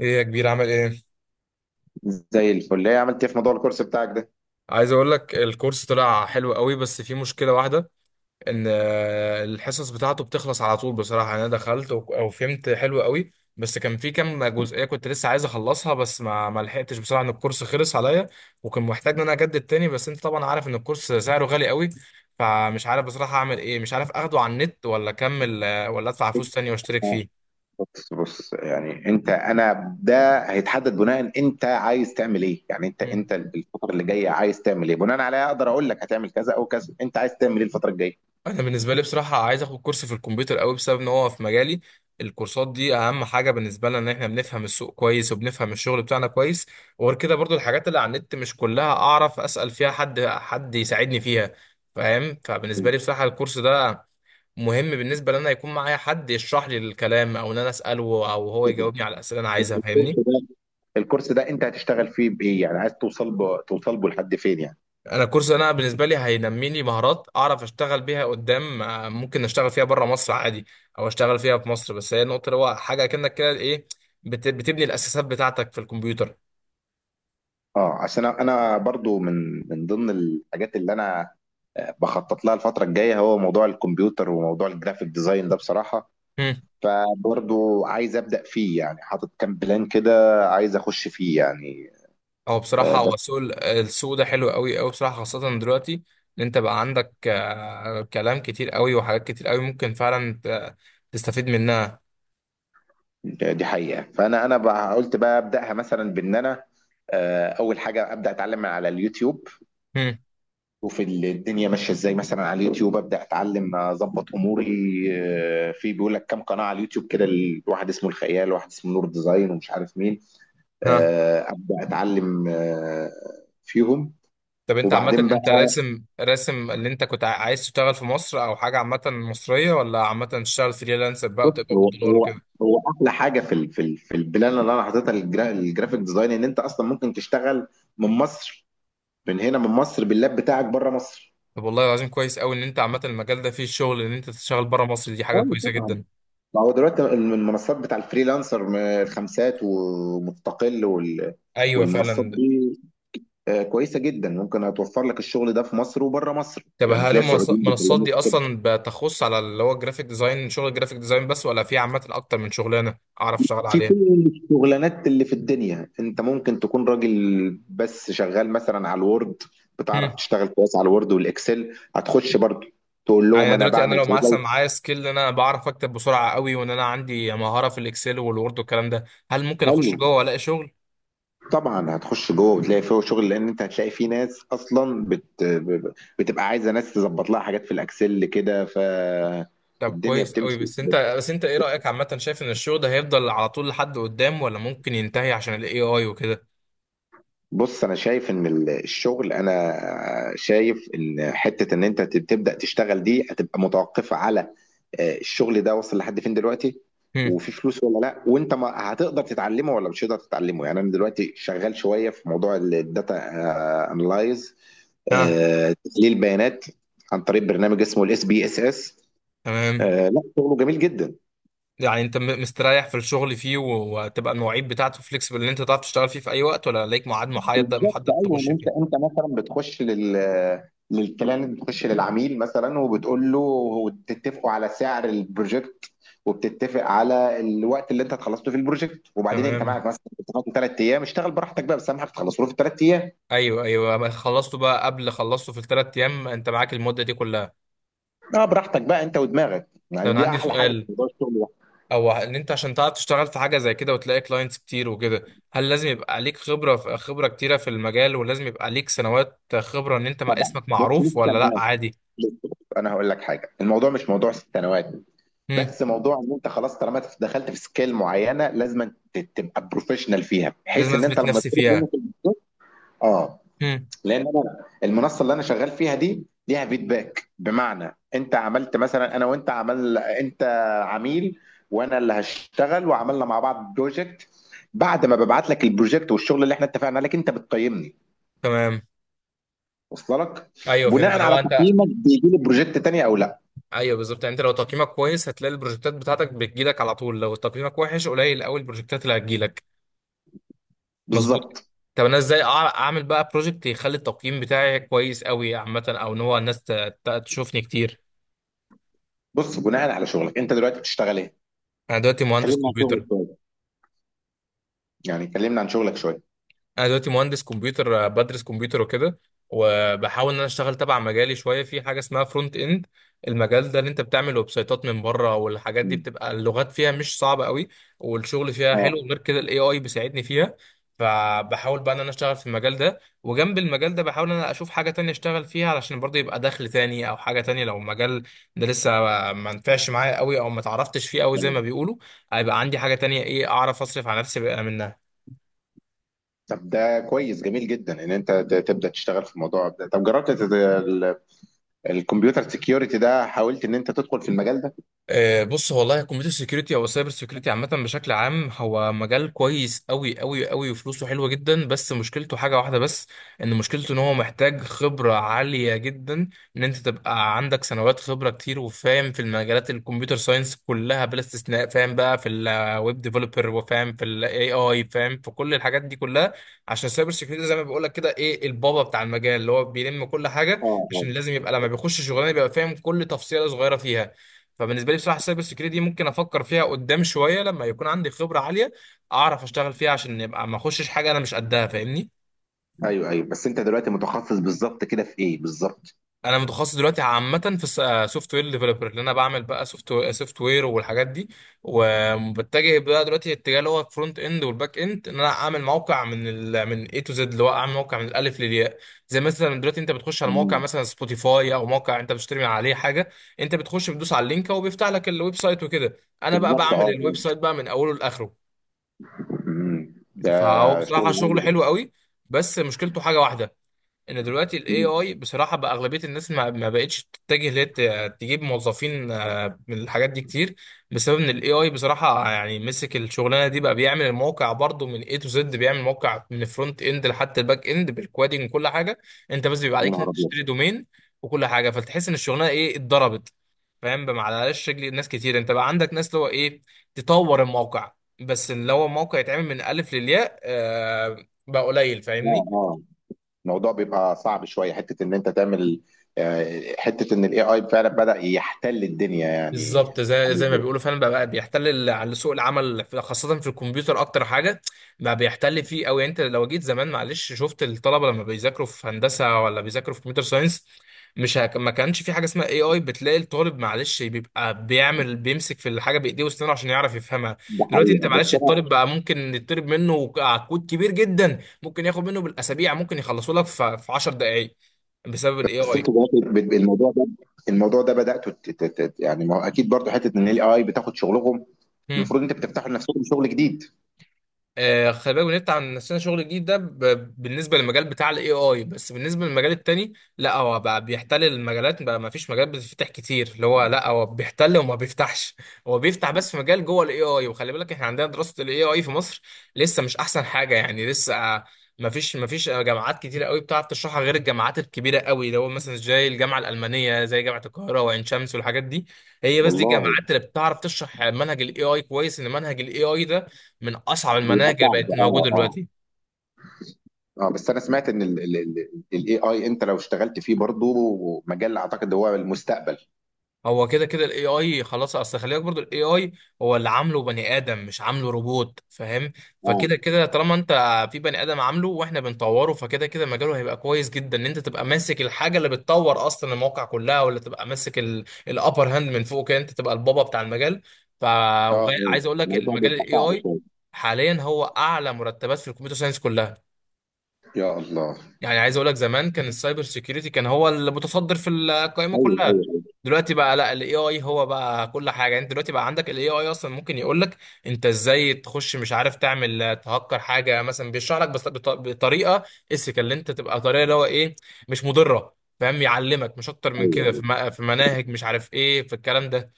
ايه يا كبير عامل ايه؟ زي الفل، ايه عملت ايه في موضوع الكورس بتاعك ده؟ عايز اقول لك الكورس طلع حلو قوي، بس في مشكله واحده. ان الحصص بتاعته بتخلص على طول بصراحه. يعني انا دخلت وك- او فهمت حلو قوي، بس كان في كام جزئيه كنت لسه عايز اخلصها، بس ما لحقتش بصراحه ان الكورس خلص عليا، وكان محتاج ان انا اجدد تاني. بس انت طبعا عارف ان الكورس سعره غالي قوي، فمش عارف بصراحه اعمل ايه. مش عارف اخده على النت، ولا اكمل، ولا ادفع فلوس تانية واشترك فيه. بص، يعني انا ده هيتحدد بناء، انت عايز تعمل ايه؟ يعني انت الفتره اللي جايه عايز تعمل ايه؟ بناء عليها اقدر اقول لك هتعمل كذا او كذا. انت عايز تعمل ايه الفتره الجايه؟ انا بالنسبه لي بصراحه عايز اخد كورس في الكمبيوتر قوي، بسبب ان هو في مجالي. الكورسات دي اهم حاجه بالنسبه لنا، ان احنا بنفهم السوق كويس وبنفهم الشغل بتاعنا كويس. وغير كده برضو الحاجات اللي على النت مش كلها اعرف اسال فيها حد، حد يساعدني فيها. فاهم؟ فبالنسبه لي بصراحه الكورس ده مهم بالنسبه لي، ان انا يكون معايا حد يشرح لي الكلام، او ان انا اساله، او هو يجاوبني على الاسئله اللي انا عايزها. الكورس فاهمني؟ ده الكورس ده انت هتشتغل فيه بايه؟ يعني عايز توصل توصل به لحد فين يعني؟ انا كورس انا بالنسبه لي هينمي لي مهارات اعرف اشتغل بيها قدام. ممكن اشتغل فيها بره مصر عادي، او اشتغل فيها في مصر. بس هي النقطه اللي هو حاجه كأنك كده ايه، بتبني الاساسات بتاعتك في الكمبيوتر. اه، عشان انا برضو من ضمن الحاجات اللي انا بخطط لها الفترة الجاية هو موضوع الكمبيوتر وموضوع الجرافيك ديزاين ده بصراحة. هم. فبرضو عايز ابدا فيه، يعني حاطط كام بلان كده، عايز اخش فيه يعني. او بصراحه بس هو السوق، السوق ده حلو قوي قوي بصراحه، خاصه دلوقتي ان انت بقى عندك كلام كتير قوي وحاجات كتير قوي ممكن فعلا تستفيد منها. دي حقيقه. فانا بقى قلت بقى ابداها، مثلا بان انا اول حاجه ابدا اتعلم من على اليوتيوب، هم. وفي الدنيا ماشيه ازاي. مثلا على اليوتيوب ابدا اتعلم اظبط اموري. في بيقول لك كام قناه على اليوتيوب كده، واحد اسمه الخيال، واحد اسمه نور ديزاين، ومش عارف مين. ها. ابدا اتعلم فيهم. طب انت عامة وبعدين بقى، انت راسم اللي انت عايز تشتغل في مصر او حاجة عامة مصرية، ولا عامة تشتغل فريلانسر بقى بص، وتقبض بالدولار وكده؟ هو احلى حاجه في في البلان اللي انا حاططها للجرافيك ديزاين، ان انت اصلا ممكن تشتغل من مصر، من هنا من مصر، باللاب بتاعك بره مصر. طب والله العظيم كويس قوي ان انت عامة المجال ده فيه شغل ان انت تشتغل بره مصر، دي حاجة اه كويسة طبعا. جدا. ما هو دلوقتي المنصات بتاع الفريلانسر، الخمسات ومستقل وال، ايوه والمنصات فعلا. دي كويسه جدا، ممكن هتوفر لك الشغل ده في مصر وبره مصر. طب يعني هل تلاقي سعوديين المنصات بيكلموك. دي اصلا بتخص على اللي هو الجرافيك ديزاين، شغل الجرافيك ديزاين بس، ولا في عامة اكتر من شغلانة اعرف اشتغل في عليها؟ كل الشغلانات اللي في الدنيا، انت ممكن تكون راجل بس شغال مثلا على الوورد، بتعرف هم. تشتغل كويس على الوورد والاكسل، هتخش برضو تقول يعني لهم أنا انا دلوقتي انا بعمل لو كذا. مثلا معايا سكيل ان انا بعرف اكتب بسرعة قوي، وان انا عندي مهارة في الاكسل والوورد والكلام ده، هل ممكن حلو، اخش جوه والاقي شغل؟ طبعا هتخش جوه وتلاقي فيه شغل، لان انت هتلاقي فيه ناس اصلا بتبقى عايزه ناس تظبط لها حاجات في الاكسل كده، ف طب الدنيا كويس قوي. بتمشي بس بس. انت بس انت ايه رأيك عامة؟ شايف ان الشغل ده هيفضل على طول لحد قدام، ولا ممكن ينتهي عشان الاي اي وكده؟ بص انا شايف ان الشغل، انا شايف ان حته ان انت تبدا تشتغل دي هتبقى متوقفه على الشغل ده وصل لحد فين دلوقتي، هم. وفي فلوس ولا لا، وانت ما هتقدر تتعلمه ولا مش هتقدر تتعلمه. يعني انا دلوقتي شغال شويه في موضوع الداتا انلايز، ها. تحليل بيانات، عن طريق برنامج اسمه الاس بي اس اس. تمام. لا شغله جميل جدا. يعني انت مستريح في الشغل فيه، وهتبقى المواعيد بتاعته فليكسبل ان انت تعرف تشتغل فيه في اي وقت، ولا ليك ميعاد محدد بالظبط محدد ايوه، ان تخش انت فيه؟ انت مثلا بتخش لل، للكلاينت، بتخش للعميل مثلا وبتقول له وتتفقوا على سعر البروجكت، وبتتفق على الوقت اللي انت هتخلصه في البروجكت، وبعدين انت تمام. معاك مثلا بتاخد ثلاث ايام، اشتغل براحتك بقى، بس اهم حاجه تخلصه في ثلاث ايام. ايوه ايوه، ما خلصته بقى قبل، خلصته في الثلاث ايام، انت معاك المدة دي كلها. اه، براحتك بقى انت ودماغك. طب يعني انا دي عندي احلى حاجه في سؤال، موضوع الشغل ده. او ان انت عشان تعرف تشتغل في حاجه زي كده وتلاقي كلاينتس كتير وكده، هل لازم يبقى عليك خبره، خبره كتيره في المجال، ولازم يبقى عليك سنوات خبره ان انت ما طبعا، اسمك بص معروف، مش ولا لا سنوات. عادي؟ انا هقول لك حاجه، الموضوع مش موضوع سنوات، هم. بس موضوع ان انت خلاص طالما دخلت في سكيل معينه لازم تبقى بروفيشنال فيها، لازم بحيث ان انت اثبت لما نفسي تطلب فيها. منك الفيدباك. اه، هم. لان انا المنصه اللي انا شغال فيها دي ليها فيدباك، بمعنى انت عملت مثلا، انا وانت، عمل انت عميل وانا اللي هشتغل، وعملنا مع بعض بروجكت. بعد ما ببعت لك البروجكت والشغل اللي احنا اتفقنا عليك، انت بتقيمني. تمام. وصل لك؟ ايوه فهمت بناء اللي على هو انت. تقييمك بيجي لي بروجكت تاني او لا. ايوه بالظبط، يعني انت لو تقييمك كويس هتلاقي البروجكتات بتاعتك بتجيلك على طول، لو تقييمك وحش قليل قوي البروجكتات اللي هتجيلك. مظبوط. بالظبط. طب انا ازاي اعمل بقى بروجكت يخلي التقييم بتاعي كويس قوي عامه، او ان هو الناس تشوفني كتير؟ بص بناء على شغلك، انت دلوقتي بتشتغل ايه؟ انا دلوقتي مهندس كلمنا عن كمبيوتر. شغلك، يعني كلمنا عن شغلك شوية. انا دلوقتي مهندس كمبيوتر. بدرس كمبيوتر وكده، وبحاول ان انا اشتغل تبع مجالي شويه في حاجه اسمها فرونت اند. المجال ده اللي انت بتعمل ويب سايتات من بره، والحاجات دي مم. بتبقى اللغات فيها مش صعبه قوي، والشغل فيها حلو. اه غير كده الاي اي بيساعدني فيها. فبحاول بقى ان انا اشتغل في المجال ده، وجنب المجال ده بحاول ان انا اشوف حاجه تانية اشتغل فيها، علشان برضه يبقى دخل تاني، او حاجه تانية لو المجال ده لسه ما نفعش معايا قوي، او ما تعرفتش فيه قوي زي ما يعني. بيقولوا، هيبقى عندي حاجه تانية ايه اعرف اصرف على نفسي بقى منها. طب ده كويس جميل جدا ان انت تبدا تشتغل في الموضوع ده. طب جربت الكمبيوتر سيكيورتي ده؟ حاولت ان انت تدخل في المجال ده؟ بص، هو والله الكمبيوتر سيكيورتي او السايبر سيكيورتي عامه بشكل عام هو مجال كويس قوي قوي قوي، وفلوسه حلوه جدا، بس مشكلته حاجه واحده بس، ان مشكلته ان هو محتاج خبره عاليه جدا، ان انت تبقى عندك سنوات خبره كتير وفاهم في المجالات الكمبيوتر ساينس كلها بلا استثناء. فاهم بقى في الويب ديفلوبر، وفاهم في الاي اي، فاهم في كل الحاجات دي كلها. عشان السايبر سيكيورتي زي ما بقول لك كده ايه، البابا بتاع المجال اللي هو بيلم كل حاجه، اه اه. عشان لازم يبقى لما بيخش شغلانه بيبقى فاهم كل تفصيله صغيره فيها. فبالنسبه لي بصراحه السايبر سكيورتي دي ممكن افكر فيها قدام شويه لما يكون عندي خبره عاليه اعرف اشتغل فيها، عشان يبقى ما اخشش حاجه انا مش قدها. فاهمني؟ ايوه ايوه، بس انت دلوقتي متخصص بالظبط كده في ايه بالظبط؟ انا متخصص دلوقتي عامه في سوفت وير ديفلوبر، اللي انا بعمل بقى سوفت وير والحاجات دي. وبتجه بقى دلوقتي اتجاه اللي هو الفرونت اند والباك اند، ان انا اعمل موقع من اي تو زد، اللي هو اعمل موقع من الالف للياء. زي مثلا دلوقتي انت بتخش على موقع مم. مثلا سبوتيفاي، او موقع انت بتشتري من عليه حاجه، انت بتخش بتدوس على اللينك وبيفتح لك الويب سايت وكده. انا بقى بالظبط اه بعمل الويب اه. سايت بقى من اوله لاخره. مم. ده فهو شغل بصراحة عالي شغله ده. حلو قوي، بس مشكلته حاجة واحدة، ان دلوقتي الاي مم. اي بصراحه بقى اغلبيه الناس ما بقتش تتجه ليه تجيب موظفين، من الحاجات دي كتير. بسبب ان الاي اي بصراحه يعني مسك الشغلانه دي بقى، بيعمل الموقع برضو من اي تو زد، بيعمل موقع من الفرونت اند لحتى الباك اند بالكوادنج وكل حاجه. انت بس بيبقى يا عليك نهار إنك ابيض. تشتري دومين وكل حاجه، فتحس ان الشغلانه ايه، اتضربت. فاهم بقى؟ معلش رجل ناس كتير انت بقى عندك ناس اللي هو ايه، تطور الموقع، بس اللي هو موقع يتعمل من الف للياء آه بقى قليل. فاهمني؟ اه اه، الموضوع بيبقى صعب شويه حته ان انت تعمل حته ان الاي اي فعلا بدا يحتل الدنيا يعني. بالظبط. زي ما يعني بيقولوا فعلا، بقى بيحتل على سوق العمل خاصة في الكمبيوتر أكتر حاجة. بقى بيحتل فيه أوي يعني. أنت لو جيت زمان معلش شفت الطلبة لما بيذاكروا في هندسة، ولا بيذاكروا في كمبيوتر ساينس، مش هك... ما كانش في حاجة اسمها اي اي. بتلاقي الطالب معلش بيبقى بيعمل بيمسك في الحاجة بإيديه وأسنانه عشان يعرف يفهمها. ده دلوقتي أنت حقيقة. بس معلش الطالب بقى ممكن يطلب منه كود كبير جدا ممكن ياخد منه بالأسابيع، ممكن يخلصه لك في 10 دقايق، بسبب الاي بس، الموضوع ده، الموضوع ده بداتوا يعني ما هو اكيد برضه حته ان الاي اي بتاخد شغلهم. اي. المفروض انت بتفتحوا لنفسكم شغل جديد. خلي بالك بنفتح عن نفسنا شغل جديد ده، بالنسبه للمجال بتاع الاي اي، بس بالنسبه للمجال التاني لا، هو بقى بيحتل المجالات بقى. ما فيش مجال بتفتح كتير اللي هو، لا هو بيحتل وما بيفتحش. هو بيفتح بس في مجال جوه الاي اي. وخلي بالك احنا عندنا دراسه الاي اي في مصر لسه مش احسن حاجه، يعني لسه. ما فيش جامعات كتيره قوي بتعرف تشرحها غير الجامعات الكبيره قوي اللي هو مثلا زي الجامعه الالمانيه، زي جامعه القاهره وعين شمس والحاجات دي. هي بس دي والله الجامعات اللي بتعرف تشرح منهج الاي اي كويس، ان منهج الاي اي ده من اصعب بيبقى المناهج اللي صعب بقت اه موجوده اه. دلوقتي. اه بس انا سمعت ان الاي اي، انت لو اشتغلت فيه برضه مجال اعتقد هو المستقبل. هو كده كده الاي اي خلاص. اصل خلي بالك برضه الاي اي هو اللي عامله بني ادم، مش عامله روبوت. فاهم؟ اه فكده كده طالما انت في بني ادم عامله واحنا بنطوره، فكده كده مجاله هيبقى كويس جدا، ان انت تبقى ماسك الحاجه اللي بتطور اصلا المواقع كلها، ولا تبقى ماسك الابر هاند من فوق كده، انت تبقى البابا بتاع المجال. ف اه اه. عايز اقول لك الموضوع المجال بيبقى الاي صعب اي شويه. حاليا هو اعلى مرتبات في الكمبيوتر ساينس كلها. يا الله. يعني عايز اقول لك زمان كان السايبر سيكيورتي كان هو المتصدر في القائمه ايوه كلها، ايوه ايوه. دلوقتي بقى لا، الاي اي هو بقى كل حاجه. يعني انت دلوقتي بقى عندك الاي اي اصلا ممكن يقول لك انت ازاي تخش مش عارف تعمل تهكر حاجه مثلا، بيشرح لك بس بطريقه اسك، اللي انت تبقى طريقه اللي هو ايه، مش مضره. فاهم؟ يعلمك مش اكتر من ايوه كده، ايوه، في مناهج مش عارف ايه في الكلام ده.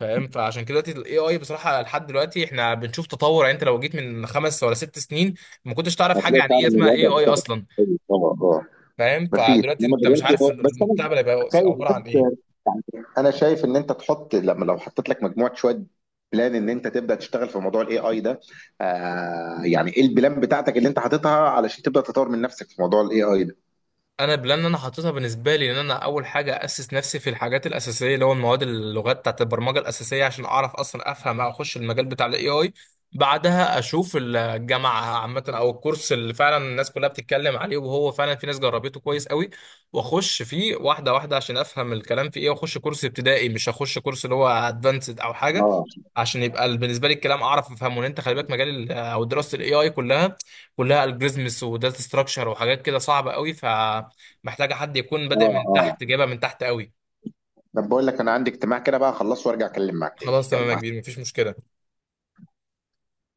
فاهم؟ فعشان كده دلوقتي الاي اي بصراحه لحد دلوقتي احنا بنشوف تطور. يعني انت لو جيت من 5 ولا 6 سنين ما كنتش تعرف حاجه هتلاقي عن فعلا ايه إن اسمها اي الوضع اي اختلف. اصلا. ايوه اه اه. فاهم؟ مفيش، فدلوقتي انما انت مش دلوقتي عارف بس انا المستقبل هيبقى خايف عباره بس عن يعني. ايه. انا شايف ان انت تحط، لما لو حطيت لك مجموعه شويه بلان ان انت تبدا تشتغل في موضوع الاي اي ده. آه يعني ايه البلان بتاعتك اللي انت حاططها علشان تبدا تطور من نفسك في موضوع الاي اي ده؟ انا بلان انا حاططها بالنسبه لي ان انا اول حاجه اسس نفسي في الحاجات الاساسيه اللي هو المواد، اللغات بتاعت البرمجه الاساسيه، عشان اعرف اصلا افهم او اخش المجال بتاع الاي اي. بعدها اشوف الجامعه عامه او الكورس اللي فعلا الناس كلها بتتكلم عليه، وهو فعلا في ناس جربته كويس قوي، واخش فيه واحده واحده عشان افهم الكلام في ايه. واخش كورس ابتدائي، مش هخش كورس اللي هو ادفانسد او حاجه، اه عشان يبقى بالنسبه لي الكلام اعرف افهمه. لان انت خلي بالك مجال ال- او دراسه الاي اي كلها، كلها الجوريزمز وداتا ستراكشر وحاجات كده صعبه قوي، ف محتاجه حد يكون اه بادئ من اه. تحت، جايبها من تحت قوي. طب بقول لك، انا عندي اجتماع كده بقى، اخلصه وارجع اكلم معاك تاني. خلاص تمام يا يلا. كبير، مفيش مشكله.